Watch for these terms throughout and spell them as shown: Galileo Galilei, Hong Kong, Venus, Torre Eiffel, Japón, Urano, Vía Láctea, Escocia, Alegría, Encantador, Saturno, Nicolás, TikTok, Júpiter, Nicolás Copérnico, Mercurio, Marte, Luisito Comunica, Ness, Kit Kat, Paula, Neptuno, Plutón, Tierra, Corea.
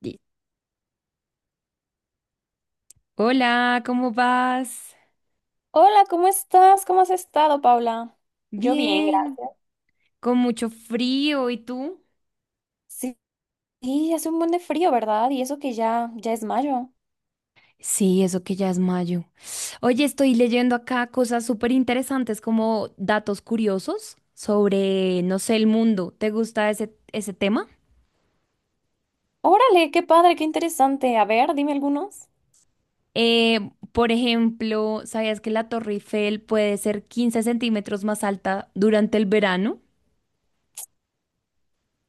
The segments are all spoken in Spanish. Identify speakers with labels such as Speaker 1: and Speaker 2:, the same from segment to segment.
Speaker 1: Di- Hola, ¿cómo vas?
Speaker 2: Hola, ¿cómo estás? ¿Cómo has estado, Paula? Yo bien,
Speaker 1: Bien,
Speaker 2: gracias.
Speaker 1: con mucho frío, ¿y tú?
Speaker 2: Sí, sí, hace un buen de frío, ¿verdad? Y eso que ya es mayo.
Speaker 1: Sí, eso que ya es mayo. Oye, estoy leyendo acá cosas súper interesantes como datos curiosos sobre, no sé, el mundo. ¿Te gusta ese tema?
Speaker 2: Órale, qué padre, qué interesante. A ver, dime algunos.
Speaker 1: Eh, por ejemplo, ¿sabías que la Torre Eiffel puede ser 15 centímetros más alta durante el verano?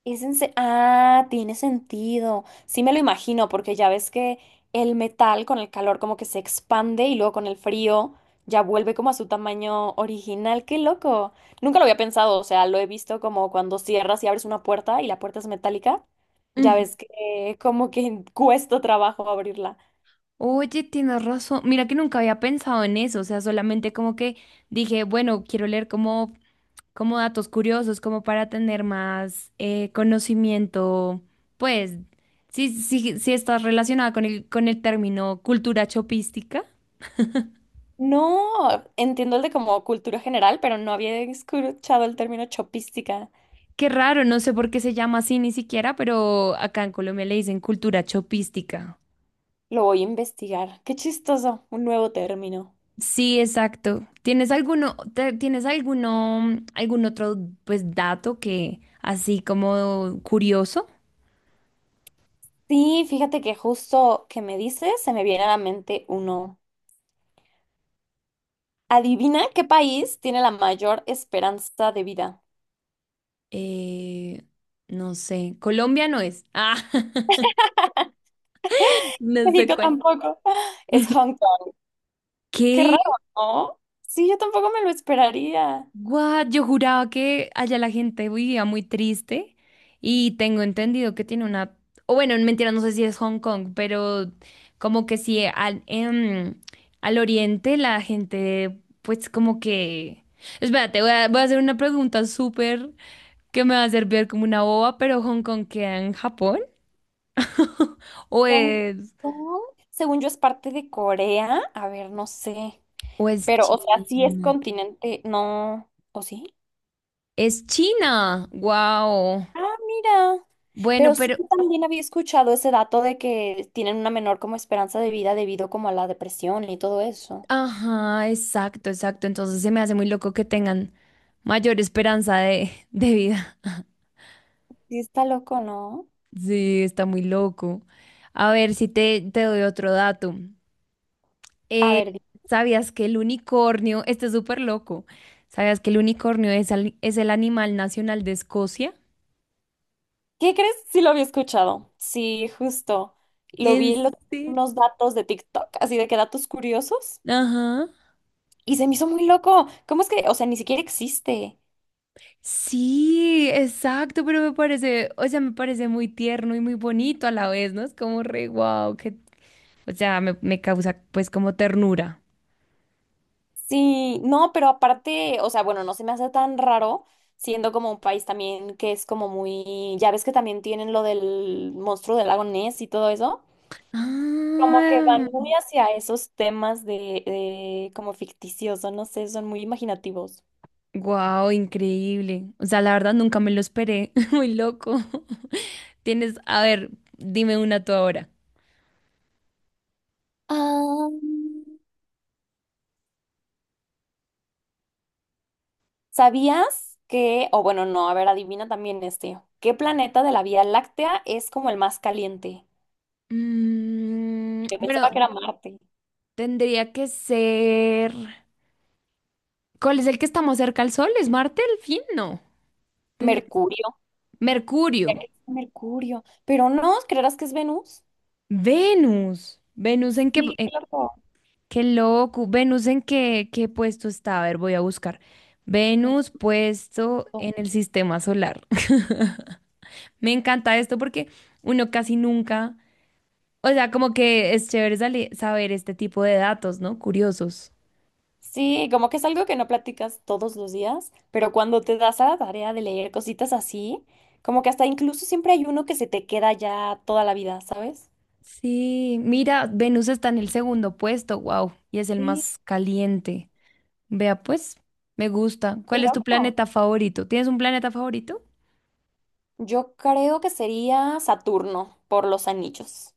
Speaker 2: Ah, tiene sentido. Sí me lo imagino, porque ya ves que el metal con el calor como que se expande y luego con el frío ya vuelve como a su tamaño original. ¡Qué loco! Nunca lo había pensado, o sea, lo he visto como cuando cierras y abres una puerta y la puerta es metálica. Ya
Speaker 1: Mm.
Speaker 2: ves que como que cuesta trabajo abrirla.
Speaker 1: Oye, tienes razón. Mira que nunca había pensado en eso. O sea, solamente como que dije, bueno, quiero leer como datos curiosos, como para tener más conocimiento, pues, si estás relacionada con el término cultura chopística.
Speaker 2: No, entiendo el de como cultura general, pero no había escuchado el término chopística.
Speaker 1: Qué raro, no sé por qué se llama así ni siquiera, pero acá en Colombia le dicen cultura chopística.
Speaker 2: Lo voy a investigar. Qué chistoso, un nuevo término.
Speaker 1: Sí, exacto. ¿Tienes alguno, tienes alguno, algún otro, pues, dato que así como curioso?
Speaker 2: Sí, fíjate que justo que me dices, se me viene a la mente uno. Adivina qué país tiene la mayor esperanza de vida.
Speaker 1: Eh, no sé. Colombia no es. Ah, no sé
Speaker 2: México
Speaker 1: cuál.
Speaker 2: tampoco. Es Hong Kong. Qué
Speaker 1: ¿Qué?
Speaker 2: raro, ¿no? Sí, yo tampoco me lo esperaría.
Speaker 1: What? Yo juraba que allá la gente vivía muy triste y tengo entendido que tiene una. O bueno, mentira, no sé si es Hong Kong, pero como que sí, al oriente la gente pues como que. Espérate, voy a hacer una pregunta súper que me va a hacer ver como una boba, pero ¿Hong Kong queda en Japón? ¿O
Speaker 2: Hong
Speaker 1: es,
Speaker 2: Kong, según yo, es parte de Corea. A ver, no sé.
Speaker 1: o es
Speaker 2: Pero, o sea, sí es
Speaker 1: China?
Speaker 2: continente. No. ¿O sí?
Speaker 1: Es China, wow.
Speaker 2: Ah, mira. Pero
Speaker 1: Bueno,
Speaker 2: sí
Speaker 1: pero.
Speaker 2: yo también había escuchado ese dato de que tienen una menor como esperanza de vida debido como a la depresión y todo eso.
Speaker 1: Ajá, exacto, exacto. Entonces se me hace muy loco que tengan mayor esperanza de, de vida.
Speaker 2: Sí está loco, ¿no?
Speaker 1: Sí, está muy loco. A ver si te doy otro dato.
Speaker 2: A
Speaker 1: Eh,
Speaker 2: ver, di-
Speaker 1: ¿Sabías que el unicornio, este es súper loco, ¿sabías que el unicornio es, es el animal nacional de Escocia?
Speaker 2: ¿qué crees? Sí lo había escuchado. Sí, justo. Lo
Speaker 1: ¿En
Speaker 2: vi en los-
Speaker 1: serio?
Speaker 2: Unos datos de TikTok, así de que datos curiosos.
Speaker 1: Ajá.
Speaker 2: Y se me hizo muy loco. ¿Cómo es que, o sea, ni siquiera existe?
Speaker 1: Sí, exacto, pero me parece, o sea, me parece muy tierno y muy bonito a la vez, ¿no? Es como re guau, que, o sea, me causa pues como ternura.
Speaker 2: Sí, no, pero aparte, o sea, bueno, no se me hace tan raro, siendo como un país también que es como muy, ya ves que también tienen lo del monstruo del lago Ness y todo eso. Como que
Speaker 1: Ah,
Speaker 2: van muy hacia esos temas de como ficticioso, no sé, son muy imaginativos.
Speaker 1: wow, increíble. O sea, la verdad nunca me lo esperé. Muy loco. Tienes, a ver, dime una tú ahora.
Speaker 2: Ah, ¿sabías que, o bueno, no, a ver, adivina también este, ¿qué planeta de la Vía Láctea es como el más caliente? Yo pensaba que
Speaker 1: Bueno,
Speaker 2: era Marte.
Speaker 1: tendría que ser. ¿Cuál es el que está más cerca al Sol? ¿Es Marte el fin? No. Tendría que-
Speaker 2: Mercurio, ya
Speaker 1: Mercurio.
Speaker 2: que es Mercurio, pero no, ¿creerás que es Venus?
Speaker 1: Venus. Venus en qué.
Speaker 2: Sí, claro.
Speaker 1: Qué loco. Venus en qué, qué puesto está. A ver, voy a buscar. Venus
Speaker 2: Mercurio.
Speaker 1: puesto en el sistema solar. Me encanta esto porque uno casi nunca, o sea, como que es chévere saber este tipo de datos, ¿no? Curiosos.
Speaker 2: Sí, como que es algo que no platicas todos los días, pero cuando te das a la tarea de leer cositas así, como que hasta incluso siempre hay uno que se te queda ya toda la vida, ¿sabes?
Speaker 1: Sí, mira, Venus está en el segundo puesto, wow, y es el
Speaker 2: Sí,
Speaker 1: más caliente. Vea, pues, me gusta.
Speaker 2: qué
Speaker 1: ¿Cuál es tu
Speaker 2: loco.
Speaker 1: planeta favorito? ¿Tienes un planeta favorito?
Speaker 2: Yo creo que sería Saturno por los anillos.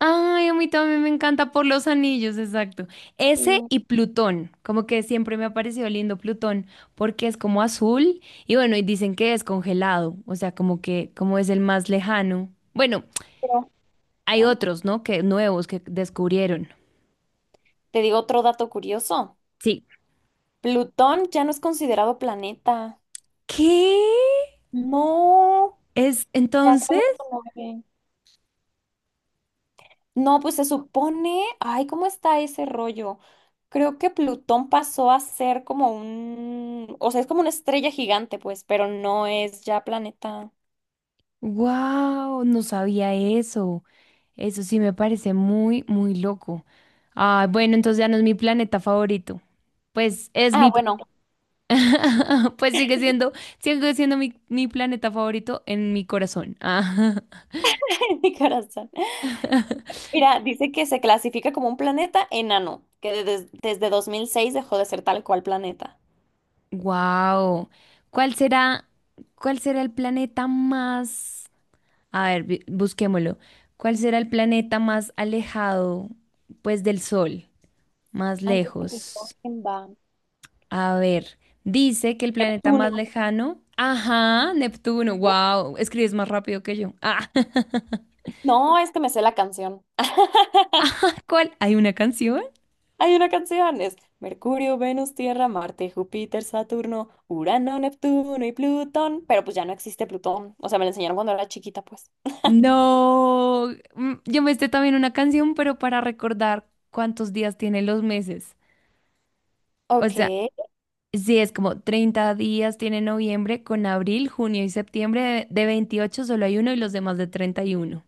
Speaker 1: Ay, a mí también me encanta por los anillos, exacto. Ese
Speaker 2: Sí,
Speaker 1: y Plutón, como que siempre me ha parecido lindo Plutón, porque es como azul y bueno, y dicen que es congelado, o sea, como que como es el más lejano. Bueno,
Speaker 2: pero
Speaker 1: hay
Speaker 2: ajá.
Speaker 1: otros, ¿no? Que nuevos que descubrieron.
Speaker 2: Te digo otro dato curioso.
Speaker 1: Sí.
Speaker 2: Plutón ya no es considerado planeta.
Speaker 1: ¿Qué?
Speaker 2: No.
Speaker 1: Es
Speaker 2: Ya
Speaker 1: entonces,
Speaker 2: solo su novia. No, pues se supone, ay, ¿cómo está ese rollo? Creo que Plutón pasó a ser como un, o sea, es como una estrella gigante, pues, pero no es ya planeta.
Speaker 1: wow, no sabía eso. Eso sí me parece muy, muy loco. Ah, bueno, entonces ya no es mi planeta favorito. Pues es
Speaker 2: Ah,
Speaker 1: mi.
Speaker 2: bueno,
Speaker 1: Pues sigue siendo mi planeta favorito en mi corazón. Ah.
Speaker 2: en mi corazón. Mira, dice que se clasifica como un planeta enano, que desde 2006 dejó de ser tal cual planeta.
Speaker 1: Wow. ¿Cuál será, cuál será el planeta más? A ver, busquémoslo. ¿Cuál será el planeta más alejado, pues, del Sol? Más
Speaker 2: Antes de que
Speaker 1: lejos.
Speaker 2: Plutón, va.
Speaker 1: A ver, dice que el planeta más
Speaker 2: Neptuno.
Speaker 1: lejano. Ajá, Neptuno. Wow. Escribes más rápido que yo. Ah.
Speaker 2: No, es que me sé la canción.
Speaker 1: ¿Cuál? ¿Hay una canción?
Speaker 2: Hay una canción, es Mercurio, Venus, Tierra, Marte, Júpiter, Saturno, Urano, Neptuno y Plutón. Pero pues ya no existe Plutón. O sea, me lo enseñaron cuando era chiquita, pues.
Speaker 1: No, yo me esté también una canción, pero para recordar cuántos días tienen los meses. O
Speaker 2: Ok.
Speaker 1: sea, sí, es como 30 días tiene noviembre con abril, junio y septiembre. De 28 solo hay uno y los demás de 31.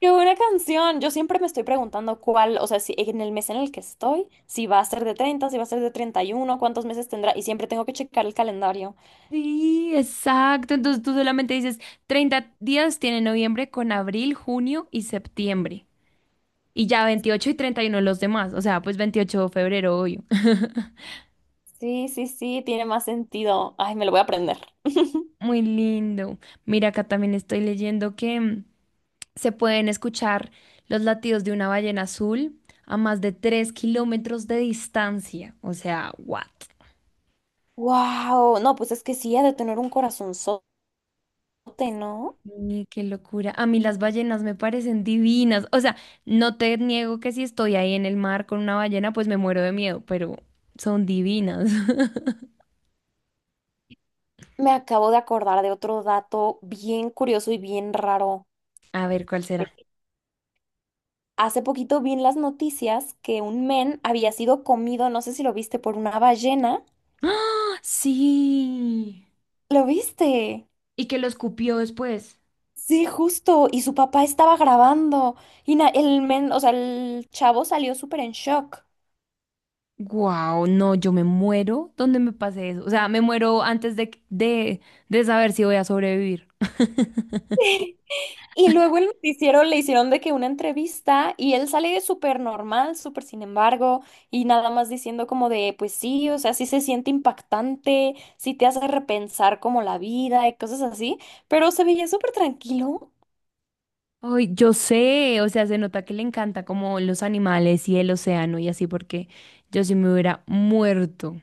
Speaker 2: Qué buena canción. Yo siempre me estoy preguntando cuál, o sea, si en el mes en el que estoy, si va a ser de 30, si va a ser de 31, cuántos meses tendrá, y siempre tengo que checar el calendario.
Speaker 1: Sí, exacto. Entonces tú solamente dices 30 días tiene noviembre con abril, junio y septiembre. Y ya 28 y 31 los demás. O sea, pues 28 de febrero, obvio.
Speaker 2: Sí, sí, sí, tiene más sentido. Ay, me lo voy a aprender.
Speaker 1: Muy lindo. Mira, acá también estoy leyendo que se pueden escuchar los latidos de una ballena azul a más de 3 kilómetros de distancia. O sea, what?
Speaker 2: Wow, no, pues es que sí, ha de tener un corazonzote, ¿no?
Speaker 1: Qué locura. A mí las ballenas me parecen divinas. O sea, no te niego que si estoy ahí en el mar con una ballena, pues me muero de miedo, pero son divinas.
Speaker 2: Me acabo de acordar de otro dato bien curioso y bien raro.
Speaker 1: A ver, ¿cuál será?
Speaker 2: Hace poquito vi en las noticias que un men había sido comido, no sé si lo viste, por una ballena.
Speaker 1: ¡Ah! Sí.
Speaker 2: ¿Lo viste?
Speaker 1: Y que lo escupió después.
Speaker 2: Sí, justo, y su papá estaba grabando, y el men, o sea, el chavo salió súper en shock.
Speaker 1: Wow, no, yo me muero donde me pase eso. O sea, me muero antes de, saber si voy a sobrevivir.
Speaker 2: Y luego el noticiero le hicieron de que una entrevista, y él sale súper normal, súper sin embargo, y nada más diciendo como de, pues sí, o sea, sí se siente impactante, sí te hace repensar como la vida y cosas así, pero se veía súper tranquilo.
Speaker 1: Ay, yo sé, o sea, se nota que le encanta como los animales y el océano y así, porque yo sí me hubiera muerto.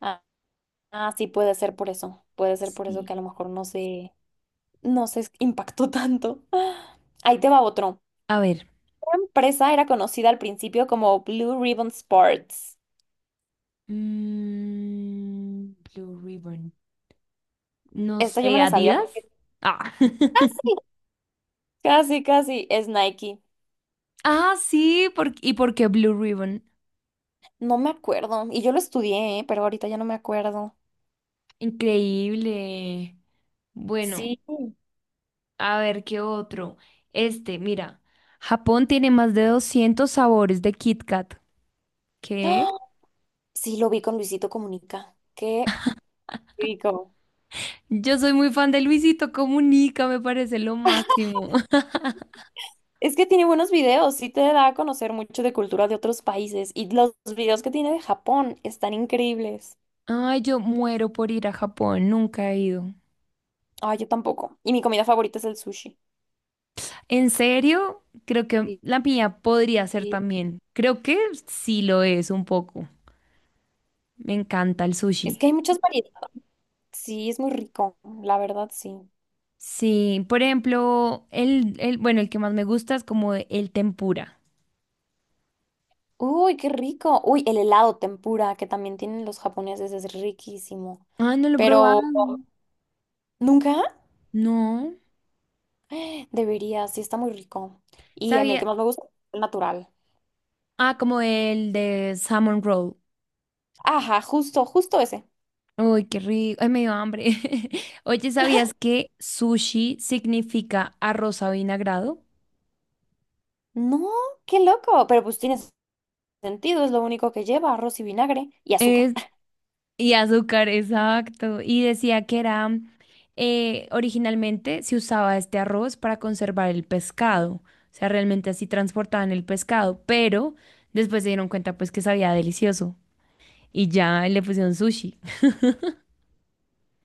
Speaker 2: Ah, ah, sí, puede ser por eso, puede ser por eso que a
Speaker 1: Sí.
Speaker 2: lo mejor no se, no se impactó tanto. Ahí te va otro.
Speaker 1: A ver,
Speaker 2: Esta empresa era conocida al principio como Blue Ribbon Sports.
Speaker 1: Blue Ribbon, no
Speaker 2: Esta yo me
Speaker 1: sé,
Speaker 2: la sabía
Speaker 1: Adidas.
Speaker 2: porque
Speaker 1: Ah,
Speaker 2: sí, casi, casi es Nike.
Speaker 1: ah, sí, ¿y por qué Blue Ribbon?
Speaker 2: No me acuerdo. Y yo lo estudié, ¿eh? Pero ahorita ya no me acuerdo.
Speaker 1: Increíble. Bueno,
Speaker 2: Sí.
Speaker 1: a ver qué otro. Este, mira, Japón tiene más de 200 sabores de Kit Kat.
Speaker 2: ¡Ah!
Speaker 1: ¿Qué?
Speaker 2: Sí, lo vi con Luisito Comunica. Qué rico.
Speaker 1: Yo soy muy fan de Luisito Comunica, me parece lo máximo.
Speaker 2: Es que tiene buenos videos, sí te da a conocer mucho de cultura de otros países. Y los videos que tiene de Japón están increíbles.
Speaker 1: Ay, yo muero por ir a Japón, nunca he ido.
Speaker 2: Ay, yo tampoco. Y mi comida favorita es el sushi.
Speaker 1: En serio, creo que
Speaker 2: Sí.
Speaker 1: la mía podría ser
Speaker 2: Sí.
Speaker 1: también. Creo que sí lo es un poco. Me encanta el sushi.
Speaker 2: Es que hay muchas variedades. Sí, es muy rico, la verdad, sí.
Speaker 1: Sí, por ejemplo, bueno, el que más me gusta es como el tempura.
Speaker 2: Uy, qué rico. Uy, el helado tempura que también tienen los japoneses es riquísimo.
Speaker 1: Ah, no lo he
Speaker 2: Pero
Speaker 1: probado.
Speaker 2: nunca
Speaker 1: No.
Speaker 2: debería, sí está muy rico. Y a mí el
Speaker 1: Sabía.
Speaker 2: que más me gusta es el natural.
Speaker 1: Ah, como el de salmon roll.
Speaker 2: Ajá, justo, justo ese.
Speaker 1: Uy, qué rico. Ay, me dio hambre. Oye, ¿sabías que sushi significa arroz avinagrado?
Speaker 2: No, qué loco. Pero pues tiene sentido, es lo único que lleva, arroz y vinagre y azúcar.
Speaker 1: Es, y azúcar, exacto. Y decía que era, originalmente se usaba este arroz para conservar el pescado. O sea, realmente así transportaban el pescado, pero después se dieron cuenta pues que sabía delicioso y ya le pusieron sushi.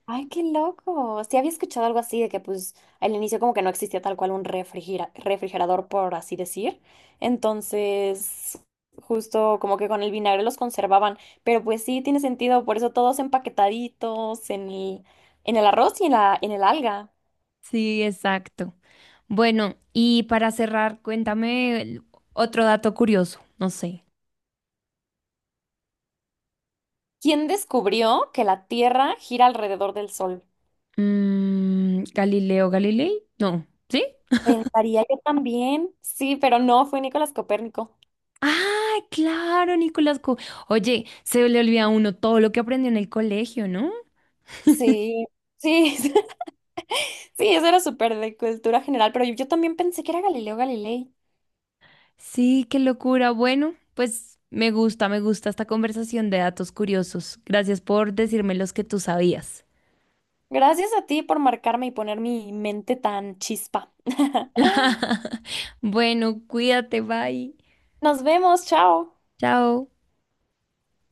Speaker 2: Ay, qué loco. Sí había escuchado algo así de que pues al inicio como que no existía tal cual un refrigerador, por así decir. Entonces, justo como que con el vinagre los conservaban. Pero pues sí, tiene sentido, por eso todos empaquetaditos en el arroz y en la, en el alga.
Speaker 1: Sí, exacto. Bueno, y para cerrar, cuéntame otro dato curioso, no sé.
Speaker 2: ¿Quién descubrió que la Tierra gira alrededor del Sol?
Speaker 1: Galileo Galilei, no, ¿sí?
Speaker 2: Pensaría yo también. Sí, pero no, fue Nicolás Copérnico.
Speaker 1: Ah, claro, Nicolás. Oye, se le olvida a uno todo lo que aprendió en el colegio, ¿no?
Speaker 2: Sí, sí. Sí, eso era súper de cultura general, pero yo también pensé que era Galileo Galilei.
Speaker 1: Sí, qué locura. Bueno, pues me gusta esta conversación de datos curiosos. Gracias por decirme los que tú sabías.
Speaker 2: Gracias a ti por marcarme y poner mi mente tan chispa.
Speaker 1: Bueno, cuídate, bye.
Speaker 2: Nos vemos, chao.
Speaker 1: Chao.